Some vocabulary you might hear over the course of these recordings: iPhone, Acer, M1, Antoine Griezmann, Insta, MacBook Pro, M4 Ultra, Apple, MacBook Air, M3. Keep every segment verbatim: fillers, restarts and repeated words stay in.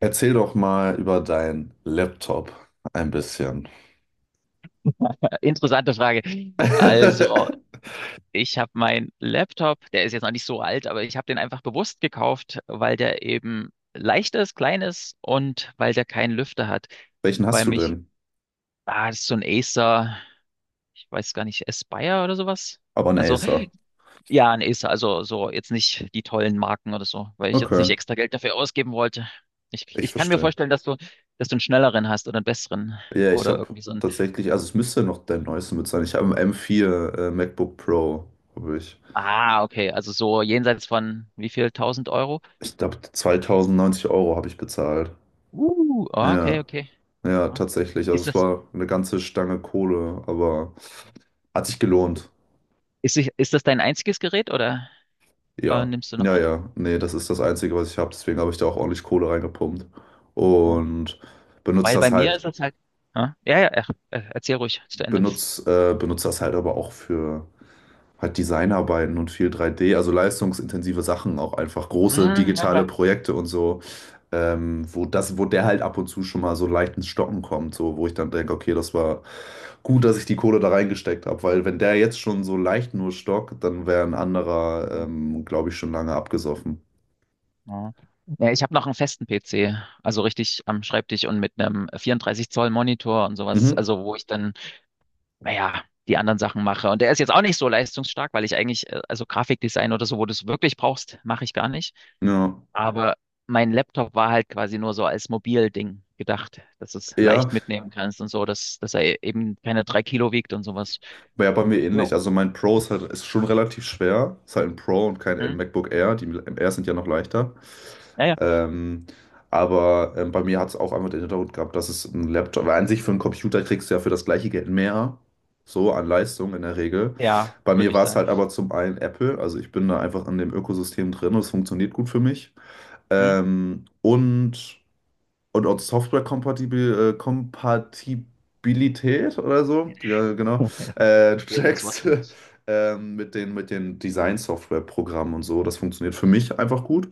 Erzähl doch mal über deinen Laptop ein bisschen. Interessante Frage. Also, ich habe meinen Laptop, der ist jetzt noch nicht so alt, aber ich habe den einfach bewusst gekauft, weil der eben leicht ist, klein ist und weil der keinen Lüfter hat. Welchen Weil hast du mich, denn? ah, das ist so ein Acer, ich weiß gar nicht, Aspire oder sowas. Aber ein Also, Acer. ja, ein Acer, also so jetzt nicht die tollen Marken oder so, weil ich jetzt nicht Okay, extra Geld dafür ausgeben wollte. Ich, ich ich kann mir verstehe. vorstellen, dass du, dass du einen schnelleren hast oder einen besseren Ja, ich oder habe irgendwie so ein, tatsächlich, also es müsste noch der neueste mit sein. Ich habe einen m vier äh, MacBook Pro, habe ich. ah, okay, also so jenseits von wie viel, tausend Euro? Ich glaube, zweitausendneunzig Euro habe ich bezahlt. Uh, ah, okay, Ja, okay. ja, Ah. tatsächlich. Also Ist es das, war eine ganze Stange Kohle, aber hat sich gelohnt. ist, ich- ist das dein einziges Gerät oder äh, Ja, nimmst du noch ja, andere? ja. Nee, das ist das Einzige, was ich habe. Deswegen habe ich da auch ordentlich Kohle reingepumpt. Ah. Und benutze Weil das bei mir halt, ist das halt. Ah, ja, ja, ach, äh, erzähl ruhig zu Ende. benutze, äh, benutze das halt aber auch für halt Designarbeiten und viel drei D, also leistungsintensive Sachen, auch einfach große Hm, na digitale klar. Projekte und so, ähm, wo das, wo der halt ab und zu schon mal so leicht ins Stocken kommt, so wo ich dann denke, okay, das war gut, dass ich die Kohle da reingesteckt habe, weil wenn der jetzt schon so leicht nur stockt, dann wäre ein anderer, Hm, ähm, glaube ich, schon lange abgesoffen. ja, ja, ich habe noch einen festen P C, also richtig am Schreibtisch und mit einem vierunddreißig Zoll Monitor und sowas, Mhm. also wo ich dann, naja, die anderen Sachen mache. Und der ist jetzt auch nicht so leistungsstark, weil ich eigentlich, äh, also Grafikdesign oder so, wo du es wirklich brauchst, mache ich gar nicht. Ja. Aber mein Laptop war halt quasi nur so als Mobilding gedacht, dass du es Ja, leicht mitnehmen kannst und so, dass, dass er eben keine drei Kilo wiegt und sowas. ja, bei Und mir ja, ähnlich. Also mein Pro ist halt, ist schon relativ schwer. Ist halt ein Pro und kein hm? MacBook Air. Die Air sind ja noch leichter. Ja, ja, Ähm, aber ähm, bei mir hat es auch einfach den Hintergrund gehabt, dass es ein Laptop, weil an sich für einen Computer kriegst du ja für das gleiche Geld mehr, so an Leistung in der Regel. ja, Bei mir würde ich war es sagen. halt aber zum einen Apple, also ich bin da einfach in dem Ökosystem drin und es funktioniert gut für mich. Hm? Ähm, und und auch Software-Kompatibil, äh, Kompatibilität oder so, ja genau, äh, du Schwieriges Wort. checkst ähm, mit den, mit den Design-Software-Programmen und so. Das funktioniert für mich einfach gut.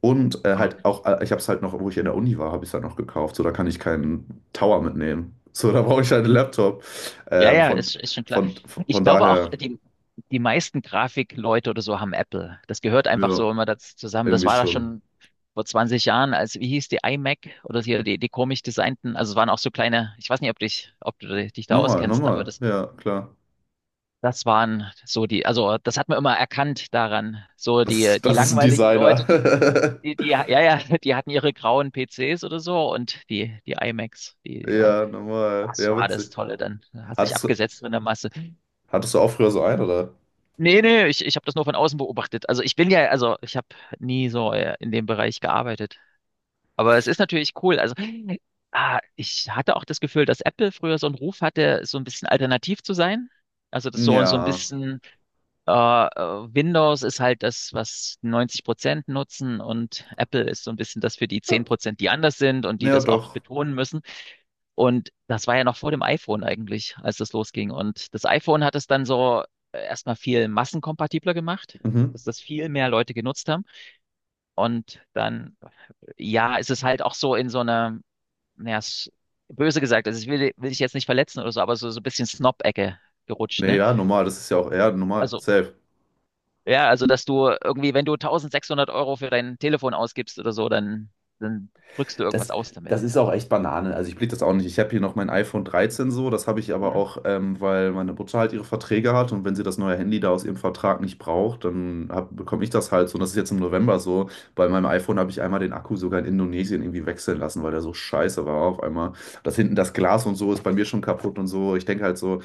Und äh, Ah. halt auch, äh, ich habe es halt noch, wo ich in der Uni war, habe ich es halt noch gekauft. So, da kann ich keinen Tower mitnehmen. So, da brauche ich halt einen Laptop. Ja, Ähm, ja, von, ist, ist schon klar. von, Ich von glaube auch, daher, die, die meisten Grafikleute oder so haben Apple. Das gehört einfach ja, so immer dazu zusammen. Das irgendwie war da schon. schon vor zwanzig Jahren, als, wie hieß die iMac oder hier die, die komisch designten, also es waren auch so kleine, ich weiß nicht, ob dich, ob du dich da Normal, auskennst, aber normal, das, ja, klar. das waren so die, also das hat man immer erkannt daran. So Das, die, die das ist ein langweiligen Leute, Designer. die, die, die, ja, ja, die hatten ihre grauen P Cs oder so und die, die iMacs, die, die waren, Ja, normal. das Ja, war witzig. das Tolle, dann hast du dich Hattest du, abgesetzt in der Masse. hattest du auch früher so einen, oder? Nee, nee, ich, ich habe das nur von außen beobachtet. Also ich bin ja, also ich habe nie so äh, in dem Bereich gearbeitet. Aber es ist natürlich cool. Also ah, ich hatte auch das Gefühl, dass Apple früher so einen Ruf hatte, so ein bisschen alternativ zu sein. Also das so, so ein Ja. bisschen. Äh, äh, Windows ist halt das, was neunzig Prozent nutzen und Apple ist so ein bisschen das für die zehn Prozent, die anders sind und die Ja, das auch doch. betonen müssen. Und das war ja noch vor dem iPhone eigentlich, als das losging. Und das iPhone hat es dann so äh, erstmal viel massenkompatibler gemacht, Mhm. dass das viel mehr Leute genutzt haben. Und dann, ja, ist es halt auch so in so einer, naja, s- böse gesagt, also ich will, will ich jetzt nicht verletzen oder so, aber so, so ein bisschen Snob-Ecke gerutscht, Nee, ne? ja, normal. Das ist ja auch, ja, normal. Also Safe. ja, also dass du irgendwie, wenn du tausendsechshundert Euro für dein Telefon ausgibst oder so, dann, dann drückst du irgendwas Das, aus damit. das ist auch echt Banane. Also ich blick das auch nicht. Ich habe hier noch mein iPhone dreizehn so. Das habe ich aber Hm? auch, ähm, weil meine Mutter halt ihre Verträge hat. Und wenn sie das neue Handy da aus ihrem Vertrag nicht braucht, dann hab, bekomme ich das halt so. Und das ist jetzt im November so. Bei meinem iPhone habe ich einmal den Akku sogar in Indonesien irgendwie wechseln lassen, weil der so scheiße war auf einmal. Das hinten, das Glas und so ist bei mir schon kaputt und so. Ich denke halt so,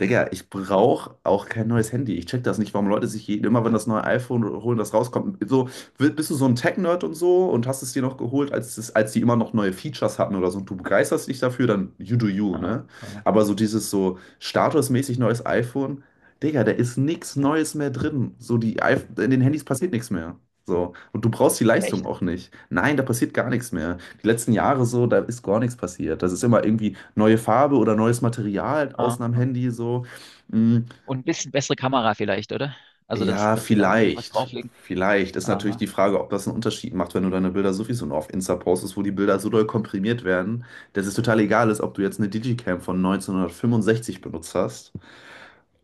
Digga, ich brauche auch kein neues Handy. Ich check das nicht, warum Leute sich je- immer, wenn das neue iPhone holen, das rauskommt. So, wi- bist du so ein Tech-Nerd und so und hast es dir noch geholt, als, es, als die immer noch neue Features hatten oder so und du begeisterst dich dafür, dann you do you, Aha, ne? aha. Aber so dieses so statusmäßig neues iPhone, Digga, da ist nichts Neues mehr drin. So, die iPh- in den Handys passiert nichts mehr. So, und du brauchst die Leistung Echt? auch nicht. Nein, da passiert gar nichts mehr. Die letzten Jahre so, da ist gar nichts passiert. Das ist immer irgendwie neue Farbe oder neues Material, außen am Aha. Handy so. Hm, Und ein bisschen bessere Kamera vielleicht, oder? Also, dass, ja, dass die da irgendwie noch was vielleicht. drauflegen. Vielleicht ist natürlich die Aha. Frage, ob das einen Unterschied macht, wenn du deine Bilder sowieso nur auf Insta postest, wo die Bilder so doll komprimiert werden, dass es total egal ist, ob du jetzt eine Digicam von neunzehnhundertfünfundsechzig benutzt hast.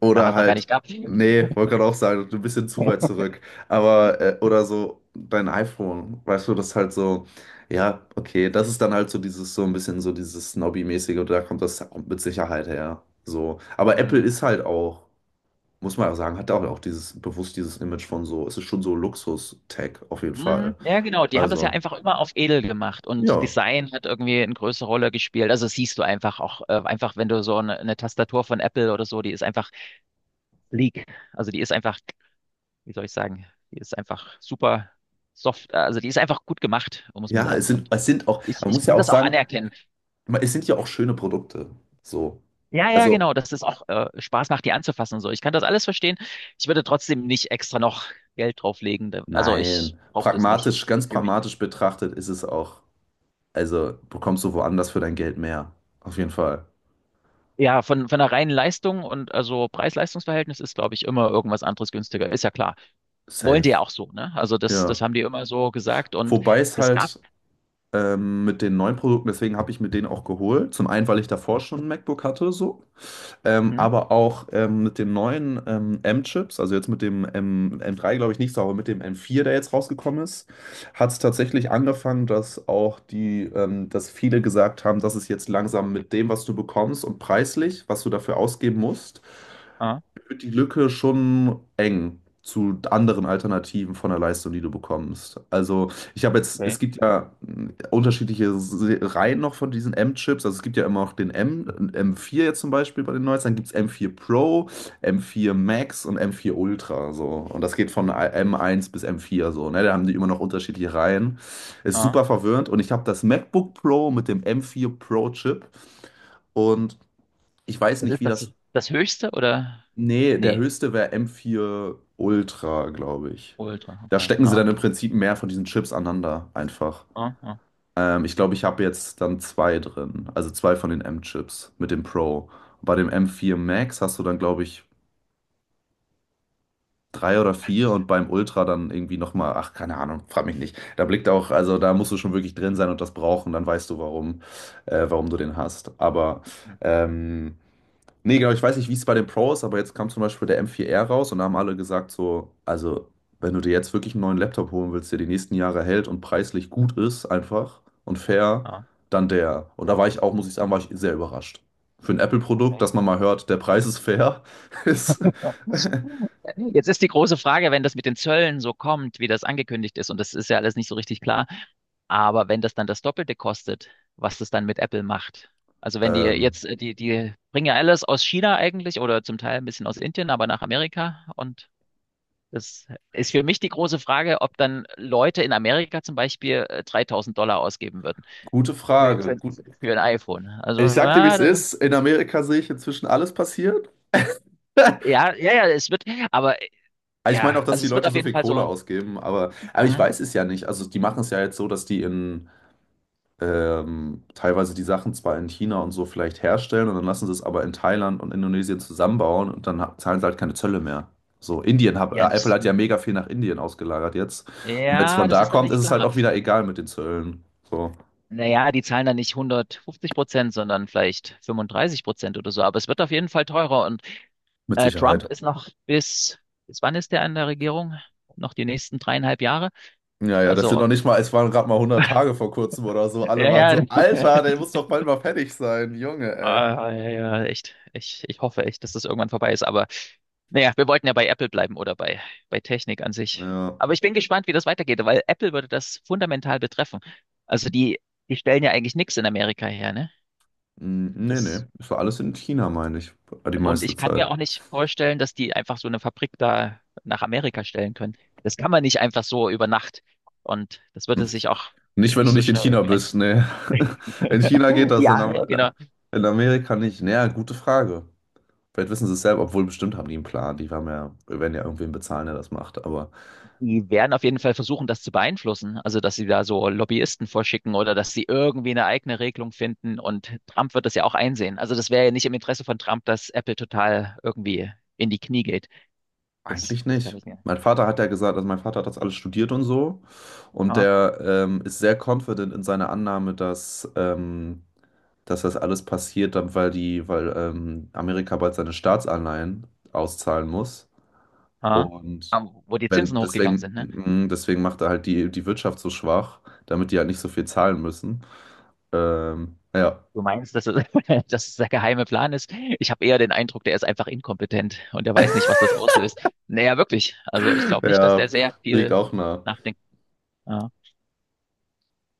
Oder Damals noch gar halt, nicht gab. nee, wollte gerade auch sagen, ein bisschen zu weit zurück. Aber, äh, oder so dein iPhone, weißt du, das ist halt so, ja, okay, das ist dann halt so dieses, so ein bisschen so dieses Snobby-mäßige, und da kommt das mit Sicherheit her. So. Aber Apple Mhm. ist halt auch, muss man auch sagen, hat auch, auch dieses, bewusst dieses Image von so, es ist schon so Luxus-Tech auf jeden Fall. Mhm. Ja, genau. Die haben das ja Also, einfach immer auf edel gemacht und ja. Design hat irgendwie eine größere Rolle gespielt. Also das siehst du einfach auch, äh, einfach wenn du so eine, eine Tastatur von Apple oder so, die ist einfach sleek. Also die ist einfach wie soll ich sagen, die ist einfach super soft, äh, also die ist einfach gut gemacht, muss man Ja, sagen. es sind, Und es sind auch, ich, man ich muss ja kann auch das auch sagen, anerkennen. es sind ja auch schöne Produkte. So. Ja, ja, Also, genau, dass es auch äh, Spaß macht, die anzufassen und so. Ich kann das alles verstehen. Ich würde trotzdem nicht extra noch Geld drauflegen. Da- Also ich nein, brauche das nicht pragmatisch, für, ganz für mich. pragmatisch betrachtet, ist es auch, also bekommst du woanders für dein Geld mehr. Auf jeden Fall. Ja, von, von der reinen Leistung und also Preis-Leistungs-Verhältnis ist, glaube ich, immer irgendwas anderes günstiger. Ist ja klar. Wollen die ja Safe. auch so, ne? Also das, Ja. das haben die immer so gesagt und Wobei es es gab. halt ähm, mit den neuen Produkten, deswegen habe ich mir den auch geholt. Zum einen, weil ich davor schon ein MacBook hatte, so, ähm, Hm? aber auch ähm, mit den neuen ähm, M-Chips, also jetzt mit dem M M3, glaube ich, nicht so, aber mit dem M vier, der jetzt rausgekommen ist, hat es tatsächlich angefangen, dass auch die, ähm, dass viele gesagt haben, dass es jetzt langsam mit dem, was du bekommst und preislich, was du dafür ausgeben musst, Ah, wird die Lücke schon eng zu anderen Alternativen von der Leistung, die du bekommst. Also ich habe jetzt, es okay. gibt ja mh, unterschiedliche Se- Reihen noch von diesen M-Chips. Also es gibt ja immer noch den M, M4 jetzt zum Beispiel bei den Neuesten. Dann gibt es M vier Pro, M vier Max und M vier Ultra. So. Und das geht von M eins bis M vier so. Ne? Da haben die immer noch unterschiedliche Reihen. Ist Ah. super verwirrend. Und ich habe das MacBook Pro mit dem M vier Pro Chip. Und ich weiß Das nicht, ist wie das, das. das höchste oder? Nee, der Nee, höchste wäre M vier Ultra, glaube ich. Ultra, Da okay. stecken sie Ha, dann im Prinzip mehr von diesen Chips aneinander einfach. ha, ha. Ähm, ich glaube, ich habe jetzt dann zwei drin. Also zwei von den M-Chips mit dem Pro. Bei dem M vier Max hast du dann, glaube ich, drei oder vier und beim Ultra dann irgendwie nochmal, ach, keine Ahnung, frag mich nicht. Da blickt auch, also da musst du schon wirklich drin sein und das brauchen, dann weißt du, warum, äh, warum du den hast. Aber Hm, ähm, Nee, genau, ich weiß nicht, wie es bei den Pro ist, aber jetzt kam zum Beispiel der m vier r raus und da haben alle gesagt, so, also, wenn du dir jetzt wirklich einen neuen Laptop holen willst, der die nächsten Jahre hält und preislich gut ist, einfach und fair, ha, dann der. Und da war ich auch, muss ich sagen, war ich sehr überrascht. Für ein Apple-Produkt, okay. dass man mal hört, der Preis ist fair, ist. Jetzt ist die große Frage, wenn das mit den Zöllen so kommt, wie das angekündigt ist, und das ist ja alles nicht so richtig klar, aber wenn das dann das Doppelte kostet, was das dann mit Apple macht. Also wenn die Ähm, jetzt, äh, die, die bringen ja alles aus China eigentlich oder zum Teil ein bisschen aus Indien, aber nach Amerika. Und das ist für mich die große Frage, ob dann Leute in Amerika zum Beispiel äh, dreitausend Dollar ausgeben gute für, Frage. für, Gut. für ein iPhone. Also, Ich sag dir, wie ja, es das, ist. In Amerika sehe ich inzwischen alles passiert. ja, ja, ja, es wird, aber äh, Ich meine auch, ja, dass also die es wird Leute auf so jeden viel Fall Kohle so. ausgeben, aber, aber ich Hm? weiß es ja nicht. Also, die machen es ja jetzt so, dass die in, ähm, teilweise die Sachen zwar in China und so vielleicht herstellen und dann lassen sie es aber in Thailand und Indonesien zusammenbauen und dann ha- zahlen sie halt keine Zölle mehr. So, Indien, hat Ja, äh, Apple das, hat ja mega viel nach Indien ausgelagert jetzt. Und wenn es ja, von das da ist noch kommt, ist nicht es halt klar. auch wieder egal mit den Zöllen. So, Naja, die zahlen dann nicht hundertfünfzig Prozent, sondern vielleicht fünfunddreißig Prozent oder so. Aber es wird auf jeden Fall teurer. Und mit äh, Trump Sicherheit. ist noch bis, bis wann ist der an der Regierung? Noch die nächsten dreieinhalb Jahre? Ja, ja, das sind Also, noch nicht mal, es waren gerade mal hundert Tage vor kurzem oder so. Alle ja, waren so, ja, Alter, der muss doch bald mal fertig sein, Junge, ey. ah, ja, ja, ja, echt. Ich, ich hoffe echt, dass das irgendwann vorbei ist. Aber naja, wir wollten ja bei Apple bleiben oder bei, bei Technik an sich. Ja, Aber ich bin gespannt, wie das weitergeht, weil Apple würde das fundamental betreffen. Also die, die stellen ja eigentlich nichts in Amerika her, ne? mm, nee, nee, Das, ist war alles in China, meine ich, die und meiste ich kann Zeit. mir auch nicht vorstellen, dass die einfach so eine Fabrik da nach Amerika stellen können. Das kann man nicht einfach so über Nacht. Und das würde sich auch Nicht, wenn du nicht so nicht in schnell China irgendwie. bist, ne. In China geht das, in, Ja, Am äh, genau. in Amerika nicht. Naja, gute Frage. Vielleicht wissen sie es selber, obwohl bestimmt haben die einen Plan. Die haben ja, werden ja irgendwen bezahlen, der das macht. Aber Die werden auf jeden Fall versuchen, das zu beeinflussen. Also, dass sie da so Lobbyisten vorschicken oder dass sie irgendwie eine eigene Regelung finden. Und Trump wird das ja auch einsehen. Also, das wäre ja nicht im Interesse von Trump, dass Apple total irgendwie in die Knie geht. Das, eigentlich das kann nicht. ich nicht. Mein Vater hat ja gesagt, also mein Vater hat das alles studiert und so. Und Ha, der ähm, ist sehr confident in seiner Annahme, dass, ähm, dass das alles passiert, dann weil die, weil ähm, Amerika bald seine Staatsanleihen auszahlen muss. ha. Und Ah, wo die wenn, Zinsen hochgegangen deswegen, sind, ne? mm, deswegen macht er halt die, die Wirtschaft so schwach, damit die halt nicht so viel zahlen müssen. Ähm, ja. Du meinst, dass es, dass es der geheime Plan ist? Ich habe eher den Eindruck, der ist einfach inkompetent und der weiß nicht, was das auslöst. Naja, wirklich. Also ich glaube nicht, dass Ja, der sehr liegt viel auch nah. nachdenkt. Ja.